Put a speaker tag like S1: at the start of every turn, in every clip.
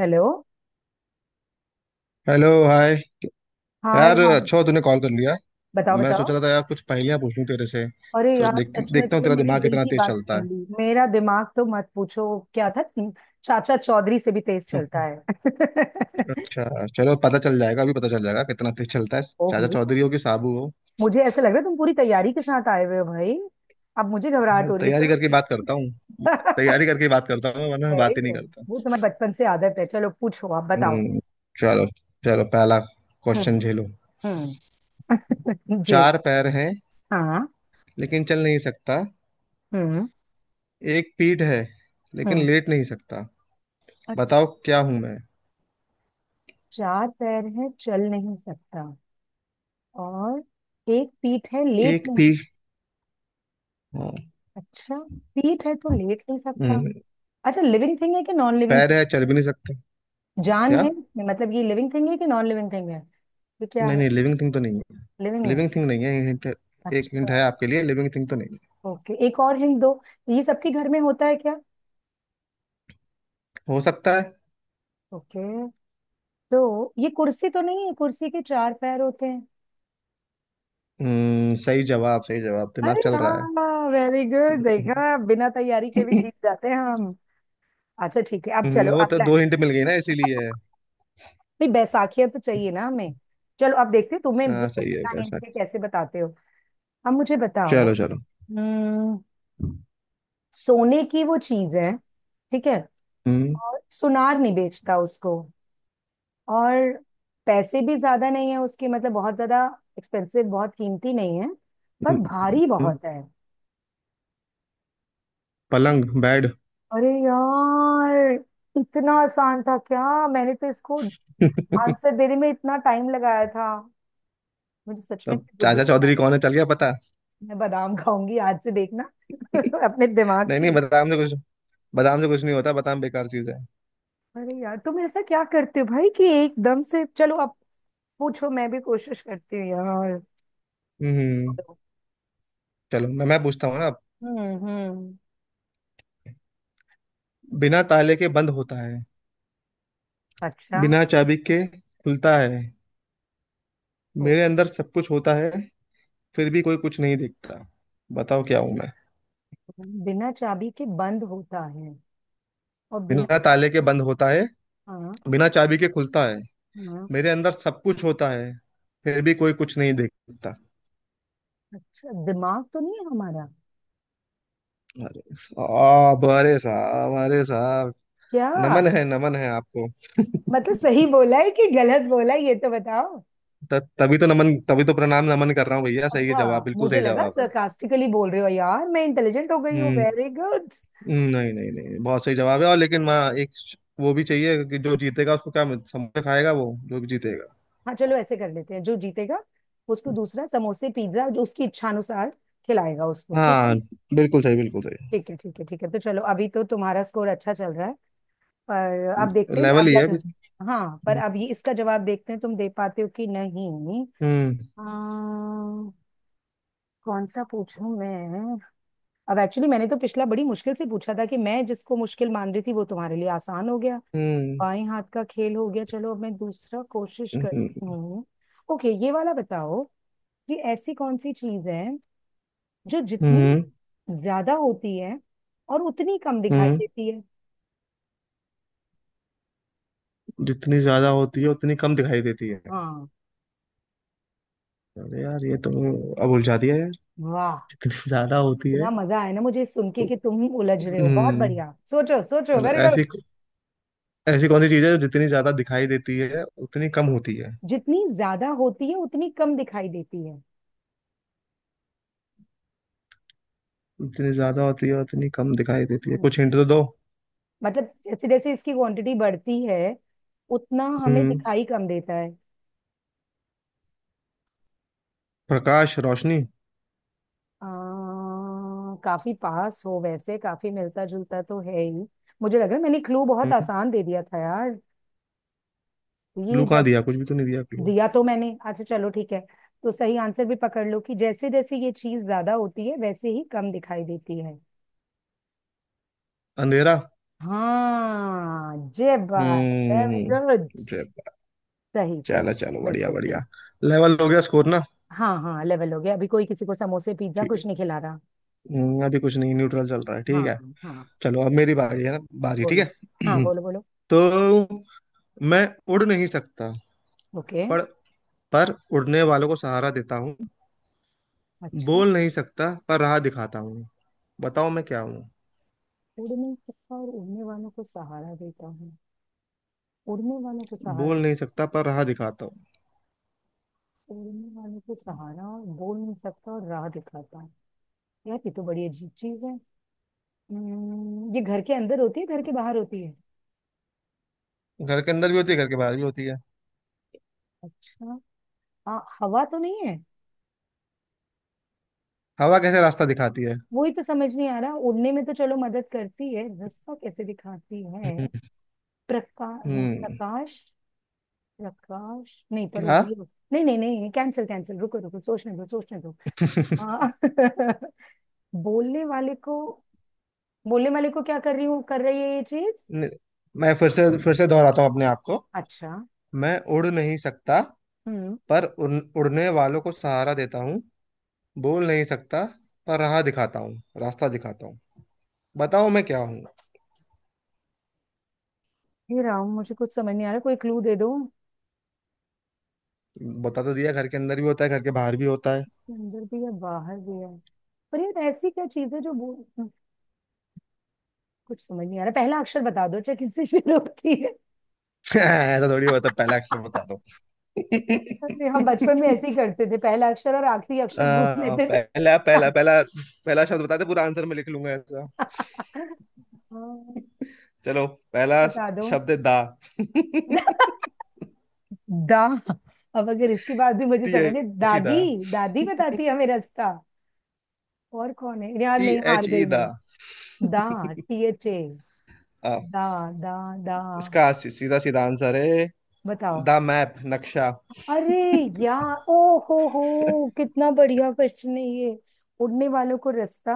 S1: Hello.
S2: Hello hi.
S1: हाँ, अरे
S2: यार
S1: हाँ।
S2: अच्छा हो तूने कॉल कर लिया।
S1: बताओ
S2: मैं सोच
S1: बताओ।
S2: रहा था यार कुछ पहेलियां पूछ लूं तेरे से।
S1: अरे
S2: तो
S1: यार,
S2: देख
S1: सच में
S2: देखता हूँ
S1: तुमने
S2: तेरा
S1: मेरे
S2: दिमाग
S1: दिल
S2: कितना
S1: की
S2: तेज
S1: बात
S2: चलता
S1: छीन
S2: है।
S1: ली। मेरा दिमाग तो मत पूछो। क्या था तीन- चाचा चौधरी से भी तेज चलता है।
S2: अच्छा। चलो पता चल जाएगा, अभी पता चल जाएगा कितना तेज चलता है। चाचा
S1: ओहो।
S2: चौधरी हो कि साबू हो।
S1: मुझे ऐसा लग रहा है तुम पूरी तैयारी के साथ आए हुए हो भाई। अब मुझे
S2: मैं
S1: घबराहट
S2: तो
S1: हो रही है।
S2: तैयारी
S1: चलो
S2: करके बात
S1: पूछो।
S2: करता हूँ। तैयारी करके बात करता हूँ वरना मैं
S1: वेरी
S2: बात ही नहीं
S1: गुड।
S2: करता।
S1: वो तुम्हारे बचपन से आदत है। चलो पूछो, आप बताओ।
S2: हम्म, चलो। चलो पहला क्वेश्चन
S1: हम्म।
S2: झेलो।
S1: हम्म। जी।
S2: चार पैर हैं
S1: हाँ।
S2: लेकिन चल नहीं सकता।
S1: हम्म।
S2: एक पीठ है लेकिन
S1: हम्म।
S2: लेट नहीं सकता।
S1: अच्छा।
S2: बताओ क्या हूं मैं।
S1: चार पैर है, चल नहीं सकता। और एक पीठ है, लेट
S2: एक
S1: नहीं
S2: पीठ,
S1: सकता।
S2: हाँ।
S1: अच्छा, पीठ है तो लेट नहीं सकता।
S2: हम्म,
S1: अच्छा, लिविंग थिंग है कि नॉन लिविंग
S2: पैर
S1: थिंग।
S2: है, चल भी नहीं सकते।
S1: जान
S2: क्या?
S1: है इसमें मतलब, ये लिविंग थिंग है कि नॉन लिविंग थिंग है। ये क्या
S2: नहीं
S1: है।
S2: नहीं, लिविंग थिंग तो नहीं है।
S1: लिविंग नहीं।
S2: लिविंग थिंग नहीं है, हिंट। एक हिंट
S1: अच्छा।
S2: है आपके लिए, लिविंग थिंग तो नहीं।
S1: ओके, एक और हिंट दो। ये सबके घर में होता है क्या।
S2: है, हो सकता है।
S1: ओके, तो ये कुर्सी तो नहीं है, कुर्सी के चार पैर होते हैं।
S2: सही जवाब, सही जवाब, दिमाग
S1: अरे
S2: चल रहा है।
S1: हाँ, वेरी गुड। देखा, बिना तैयारी के भी जीत जाते हैं हम। अच्छा ठीक है, अब चलो
S2: वो तो
S1: अगला। है।
S2: दो हिंट मिल गई ना इसीलिए।
S1: नहीं, बैसाखियां तो चाहिए ना हमें। चलो अब देखते हैं तुम्हें भी,
S2: हाँ
S1: तुम
S2: सही है,
S1: बिना हिंट
S2: कैसा?
S1: के कैसे बताते हो। अब मुझे बताओ।
S2: चलो चलो।
S1: हम्म, सोने की वो चीज है, ठीक है।
S2: हम्म,
S1: और सुनार नहीं बेचता उसको। और पैसे भी ज्यादा नहीं है उसके, मतलब बहुत ज्यादा एक्सपेंसिव, बहुत कीमती नहीं है। पर
S2: हम्म,
S1: भारी
S2: हम्म,
S1: बहुत है।
S2: पलंग बेड।
S1: अरे यार, इतना आसान था क्या। मैंने तो इसको आंसर देने में इतना टाइम लगाया था। मुझे सच में
S2: तब
S1: अपनी बुद्धि
S2: चाचा
S1: पे।
S2: चौधरी कौन है चल गया पता।
S1: मैं बादाम खाऊंगी आज से, देखना। अपने दिमाग
S2: नहीं
S1: की।
S2: नहीं, बादाम से कुछ नहीं होता, बादाम बेकार चीज है।
S1: अरे यार, तुम ऐसा क्या करते हो भाई कि एकदम से। चलो अब पूछो, मैं भी कोशिश करती हूँ यार।
S2: हम्म। चलो मैं पूछता हूँ ना।
S1: हम्म। हम्म।
S2: बिना ताले के बंद होता है।
S1: अच्छा।
S2: बिना चाबी के खुलता है।
S1: ओके।
S2: मेरे अंदर सब कुछ होता है, फिर भी कोई कुछ नहीं देखता। बताओ क्या हूं मैं।
S1: बिना चाबी के बंद होता है और बिना।
S2: बिना ताले के बंद होता है।
S1: हाँ।
S2: बिना चाबी के खुलता है।
S1: हाँ।
S2: मेरे अंदर सब कुछ होता है, फिर भी कोई कुछ नहीं देखता।
S1: अच्छा, दिमाग तो नहीं है हमारा।
S2: अरे साहब, अरे साहब, अरे साहब।
S1: क्या।
S2: नमन है आपको।
S1: मतलब सही बोला है कि गलत बोला है ये तो बताओ।
S2: तभी तो नमन, तभी तो प्रणाम नमन कर रहा हूँ भैया। सही है
S1: अच्छा।
S2: जवाब, बिल्कुल
S1: मुझे
S2: सही
S1: लगा
S2: जवाब है।
S1: सरकास्टिकली बोल रहे हो यार। मैं इंटेलिजेंट हो गई हूँ,
S2: हम्म।
S1: Very good.
S2: नहीं नहीं नहीं, बहुत सही जवाब है। और लेकिन माँ वो भी चाहिए कि जो जीतेगा उसको क्या समोसा खाएगा वो, जो भी जीतेगा।
S1: हाँ चलो, ऐसे कर लेते हैं। जो जीतेगा उसको दूसरा समोसे पिज्जा जो उसकी इच्छानुसार खिलाएगा उसको, ठीक है।
S2: हाँ, बिल्कुल सही, बिल्कुल सही।
S1: ठीक है, ठीक है, ठीक है, तो चलो। अभी तो तुम्हारा स्कोर अच्छा चल रहा है, पर अब देखते हैं
S2: लेवल ही
S1: अगला
S2: है अभी
S1: turn।
S2: तो।
S1: हाँ, पर अब ये इसका जवाब देखते हैं तुम दे पाते हो कि नहीं।
S2: हम्म।
S1: अम्म, कौन सा पूछूं मैं। अब एक्चुअली, मैंने तो पिछला बड़ी मुश्किल से पूछा था कि मैं जिसको मुश्किल मान रही थी वो तुम्हारे लिए आसान हो गया।
S2: हम्म।
S1: बाएं हाथ का खेल हो गया। चलो अब मैं दूसरा कोशिश
S2: हम्म।
S1: करती
S2: हम्म।
S1: हूँ। ओके, ये वाला बताओ। ये ऐसी कौन सी चीज है जो जितनी
S2: हम्म।
S1: ज्यादा होती है और उतनी कम दिखाई
S2: हम्म,
S1: देती है।
S2: जितनी ज्यादा होती है उतनी कम दिखाई देती है।
S1: हाँ।
S2: अरे यार ये तो, अब उलझा दिया यार।
S1: वाह,
S2: जितनी ज्यादा होती है।
S1: इतना मजा आया ना मुझे ये सुन के कि तुम ही उलझ रहे हो। बहुत
S2: हम्म।
S1: बढ़िया, सोचो सोचो,
S2: मतलब
S1: वेरी गुड।
S2: ऐसी, ऐसी कौन सी चीज है जो जितनी ज्यादा दिखाई देती है उतनी कम होती है?
S1: जितनी ज्यादा होती है उतनी कम दिखाई देती है।
S2: जितनी ज्यादा होती है उतनी कम दिखाई देती है, कुछ हिंट
S1: हम्म।
S2: तो दो।
S1: मतलब जैसे जैसे इसकी क्वांटिटी बढ़ती है, उतना हमें
S2: हम्म।
S1: दिखाई कम देता है।
S2: प्रकाश, रोशनी।
S1: काफी पास हो वैसे, काफी मिलता जुलता तो है ही। मुझे लग रहा है मैंने क्लू बहुत
S2: हम्म।
S1: आसान दे दिया था यार। ये
S2: क्लू कहाँ
S1: जब
S2: दिया, कुछ भी तो नहीं दिया क्लू।
S1: दिया तो मैंने, अच्छा चलो ठीक है, तो सही आंसर भी पकड़ लो कि जैसे जैसे ये चीज ज्यादा होती है वैसे ही कम दिखाई देती है।
S2: अंधेरा।
S1: हाँ, जय बात, वेरी गुड।
S2: हम्म। जय बात।
S1: सही
S2: चलो
S1: सही,
S2: चलो, बढ़िया
S1: बिल्कुल
S2: बढ़िया।
S1: ठीक।
S2: लेवल हो गया स्कोर ना।
S1: हाँ हाँ, लेवल हो गया। अभी कोई किसी को समोसे पिज्जा
S2: ठीक।
S1: कुछ नहीं खिला रहा।
S2: अभी कुछ नहीं, न्यूट्रल चल रहा है,
S1: हाँ
S2: ठीक है।
S1: हाँ।
S2: चलो अब मेरी बारी है ना। बारी ठीक
S1: बोलो। हाँ
S2: है।
S1: बोलो बोलो।
S2: तो मैं उड़ नहीं सकता,
S1: ओके।
S2: पर पर उड़ने वालों को सहारा देता हूँ।
S1: अच्छा।
S2: बोल नहीं सकता पर राह दिखाता हूँ। बताओ मैं क्या हूँ।
S1: उड़ नहीं सकता और उड़ने वालों को सहारा देता हूँ। उड़ने वालों को
S2: बोल
S1: सहारा।
S2: नहीं सकता पर राह दिखाता हूँ।
S1: उड़ने वालों को सहारा और बोल नहीं सकता और राह दिखाता हूँ। यार ये तो बड़ी अजीब चीज है। ये घर के अंदर होती है घर के बाहर होती है।
S2: घर के अंदर भी होती है, घर के बाहर भी होती है।
S1: अच्छा। हाँ, हवा तो नहीं है।
S2: हवा कैसे रास्ता दिखाती है?
S1: वही तो समझ नहीं आ रहा, उड़ने में तो चलो मदद करती है, रास्ता कैसे दिखाती है।
S2: हम्म।
S1: प्रकाश नहीं,
S2: हम्म।
S1: प्रकाश।
S2: क्या?
S1: नहीं नहीं नहीं, कैंसिल कैंसिल, रुको रुको, सोचने दो सोचने दो। हाँ। बोलने वाले को, बोलने वाले को क्या कर रही हूँ, कर रही है ये चीज।
S2: न- मैं फिर से दोहराता हूँ अपने आप को।
S1: अच्छा।
S2: मैं उड़ नहीं सकता
S1: हम्म,
S2: पर उड़ने वालों को सहारा देता हूँ। बोल नहीं सकता पर राह दिखाता हूँ, रास्ता दिखाता हूँ। बताओ मैं क्या हूँ।
S1: ये राम मुझे कुछ समझ नहीं आ रहा, कोई क्लू दे दो।
S2: बता तो दिया, घर के अंदर भी होता है, घर के बाहर भी होता है।
S1: अंदर भी है, बाहर भी है, पर यार ऐसी क्या चीज है कुछ समझ नहीं आ रहा। पहला अक्षर बता दो, चाहे किससे शुरू होती है।
S2: ऐसा थोड़ी होता है, पहला अक्षर बता दो।
S1: अरे, हम बचपन में ऐसे ही करते थे, पहला अक्षर और आखिरी अक्षर पूछ
S2: आ,
S1: लेते थे।
S2: पहला पहला शब्द बता दे, पूरा आंसर मैं लिख लूंगा ऐसा।
S1: हाँ,
S2: चलो, पहला
S1: बता दो।
S2: शब्द है दा।
S1: दा। अब अगर इसके बाद भी मुझे
S2: टी
S1: समझ नहीं।
S2: एच ई
S1: दादी,
S2: दा।
S1: दादी बताती है हमें रास्ता और कौन है यार।
S2: टी
S1: नहीं, हार
S2: एच ई
S1: गई मैं।
S2: दा।
S1: दा, THA,
S2: आ,
S1: दा, दा, दा,
S2: इसका सीधा सीधा आंसर है।
S1: बताओ।
S2: द मैप, नक्शा।
S1: अरे यार, ओ हो, कितना बढ़िया क्वेश्चन है ये। उड़ने वालों को रास्ता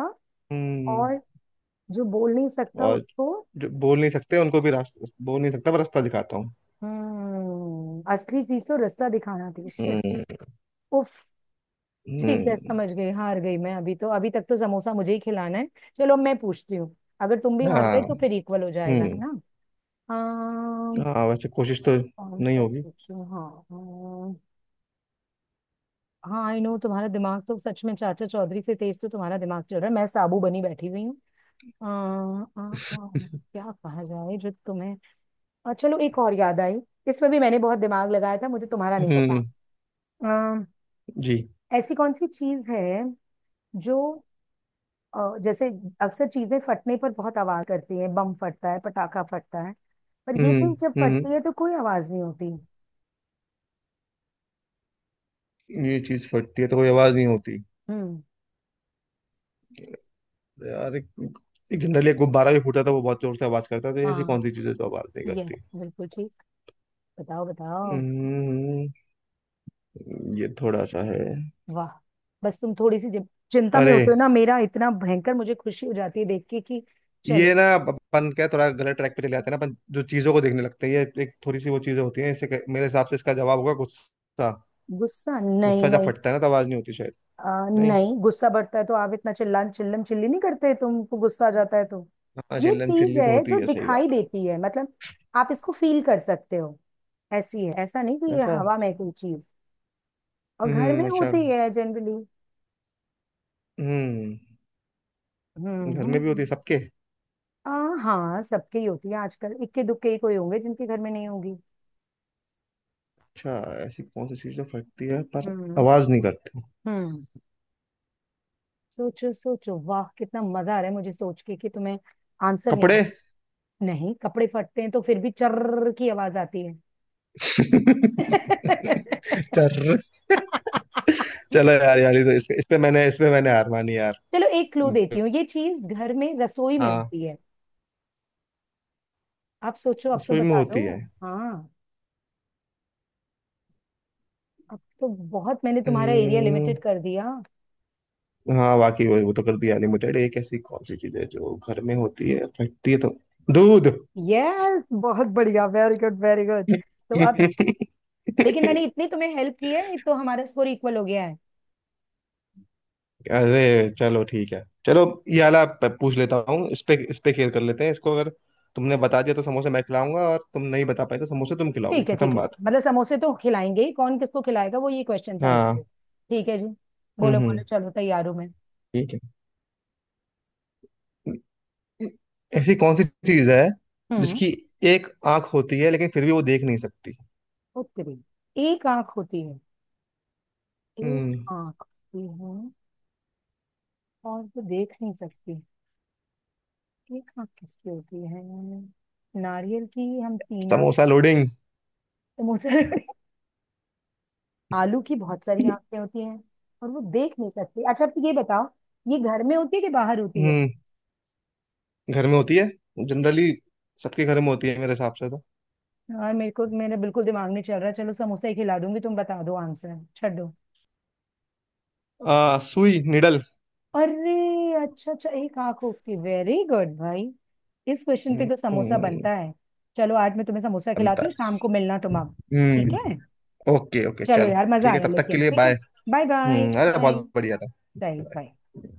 S2: हम्म।
S1: और जो बोल नहीं सकता
S2: और
S1: उसको।
S2: जो बोल नहीं सकते उनको भी रास्ता, बोल नहीं सकता पर रास्ता दिखाता हूँ।
S1: हम्म, असली चीज तो रास्ता दिखाना थी, शिट।
S2: हम्म।
S1: उफ। ठीक है,
S2: हम्म,
S1: समझ गई। हार गई मैं। अभी तो, अभी तक तो समोसा मुझे ही खिलाना है। चलो मैं पूछती हूँ, अगर तुम भी हार
S2: हाँ।
S1: गए तो फिर इक्वल हो जाएगा, है
S2: हम्म।
S1: ना। अम,
S2: हाँ वैसे कोशिश तो
S1: कौन
S2: नहीं
S1: सा
S2: होगी।
S1: पूछूं? हाँ। हाँ, आई नो, तुम्हारा दिमाग तो सच में चाचा चौधरी से तेज, तो तुम्हारा दिमाग चल रहा है, मैं साबू बनी बैठी हुई। आ, आ, आ, क्या कहा जाए जो तुम्हें। और चलो एक और याद आई, इसमें भी मैंने बहुत दिमाग लगाया था, मुझे तुम्हारा नहीं पता।
S2: हम्म।
S1: आ,
S2: जी।
S1: ऐसी कौन सी चीज है जो जैसे अक्सर चीजें फटने पर बहुत आवाज करती है, बम फटता है, पटाखा फटता है, पर ये
S2: हम्म।
S1: चीज जब
S2: हम्म।
S1: फटती है तो कोई आवाज नहीं होती।
S2: ये चीज फटती है तो कोई आवाज नहीं होती?
S1: हम्म।
S2: यार एक जनरली एक गुब्बारा भी फूटता था, वो बहुत जोर से आवाज करता था, तो ऐसी
S1: हाँ,
S2: कौन सी चीजें जो आवाज नहीं
S1: यस,
S2: करती?
S1: बिल्कुल ठीक। बताओ बताओ।
S2: हम्म। ये थोड़ा सा है।
S1: वाह, बस तुम थोड़ी सी चिंता में
S2: अरे
S1: होते हो ना, मेरा इतना भयंकर मुझे खुशी हो जाती है देख के कि
S2: ये
S1: चलो।
S2: ना, अपन क्या थोड़ा गलत ट्रैक पे चले जाते हैं ना, अपन जो चीजों को देखने लगते हैं, ये एक थोड़ी सी वो चीजें होती हैं, इससे मेरे हिसाब से इसका जवाब होगा गुस्सा।
S1: गुस्सा नहीं,
S2: गुस्सा जब
S1: नहीं।
S2: फटता है ना तो आवाज नहीं होती शायद। नहीं,
S1: नहीं, गुस्सा बढ़ता है तो आप इतना चिल्लान चिल्लम चिल्ली नहीं करते, तुमको गुस्सा आ जाता है तो
S2: हाँ
S1: ये
S2: चिल्लम
S1: चीज
S2: चिल्ली तो
S1: है
S2: होती
S1: जो
S2: है, सही
S1: दिखाई
S2: बात।
S1: देती है, मतलब आप इसको फील कर सकते हो, ऐसी है। ऐसा नहीं कि
S2: है
S1: ये
S2: ऐसा।
S1: हवा में कोई चीज, और घर में
S2: अच्छा।
S1: होती है जनरली।
S2: हम्म।
S1: हम्म।
S2: घर में भी होती है
S1: हम्म।
S2: सबके?
S1: हाँ, सबके ही होती है आजकल, इक्के दुक्के ही कोई होंगे जिनके घर में नहीं होगी।
S2: अच्छा। ऐसी कौन सी चीज जो फटती है पर
S1: हम्म।
S2: आवाज नहीं करती?
S1: हम्म। सोचो सोचो, वाह कितना मजा आ रहा है मुझे सोच के कि तुम्हें आंसर नहीं
S2: कपड़े?
S1: आता। नहीं, कपड़े फटते हैं तो फिर भी चर्र की आवाज आती है।
S2: चर्र। चलो यार, यार ये तो इस पे मैंने हार मानी यार।
S1: चलो एक क्लू देती हूँ, ये चीज घर में रसोई में
S2: हाँ।
S1: होती है। आप सोचो, अब तो
S2: रसोई में
S1: बता दो।
S2: होती है?
S1: हाँ, अब तो बहुत मैंने तुम्हारा एरिया
S2: हम्म,
S1: लिमिटेड कर दिया।
S2: हाँ वाकई, वो तो कर दिया लिमिटेड। एक ऐसी कौन सी चीज है जो घर में होती है, फटती है तो? दूध।
S1: यस, बहुत बढ़िया, वेरी गुड, वेरी गुड। तो अब, लेकिन मैंने इतनी तुम्हें हेल्प की है तो हमारा स्कोर इक्वल हो गया है।
S2: अरे चलो ठीक है, चलो ये वाला पूछ लेता हूँ, इस पे खेल कर लेते हैं इसको। अगर तुमने बता दिया तो समोसे मैं खिलाऊंगा, और तुम नहीं बता पाए तो समोसे तुम खिलाओगे,
S1: ठीक है, ठीक
S2: खत्म
S1: है,
S2: बात।
S1: मतलब समोसे तो खिलाएंगे ही, कौन किसको खिलाएगा वो ये क्वेश्चन था एक
S2: हाँ।
S1: तो। ठीक है जी। बोलो
S2: हम्म। हम्म।
S1: बोलो, चलो तैयार हूँ मैं।
S2: ठीक है। ऐसी कौन सी चीज है
S1: हम्म।
S2: जिसकी एक आंख होती है लेकिन फिर भी वो देख नहीं सकती?
S1: उत्तरी, एक आंख होती है। एक
S2: हम्म।
S1: आंख होती है और वो देख नहीं सकती। एक आंख किसकी होती है, नारियल की, हम तीन आंख,
S2: समोसा लोडिंग।
S1: तो मुसर। आलू की बहुत सारी आंखें होती हैं और वो देख नहीं सकती। अच्छा, अब ये बताओ, ये घर में होती है कि बाहर होती है।
S2: हम्म, घर में होती है जनरली, सबके घर में होती है मेरे हिसाब से तो।
S1: यार मेरे को, मेरा बिल्कुल दिमाग नहीं चल रहा। चलो समोसा ही खिला दूंगी, तुम बता दो आंसर, छੱड दो।
S2: आ, सुई, निडल।
S1: अरे, अच्छा अच्छा, एक आंख होती, वेरी गुड भाई। इस क्वेश्चन पे तो समोसा
S2: हम्म,
S1: बनता है। चलो, आज मैं तुम्हें समोसा
S2: बनता
S1: खिलाती हूँ, शाम को
S2: है।
S1: मिलना तुम अब। ठीक है।
S2: हम्म। ओके ओके,
S1: चलो
S2: चलो।
S1: यार, मजा
S2: ठीक है,
S1: आया,
S2: तब तक के
S1: लेकिन
S2: लिए
S1: ठीक है।
S2: बाय।
S1: बाय बाय
S2: अरे
S1: बाय।
S2: बहुत बढ़िया था।
S1: सही, बाय।
S2: Bye.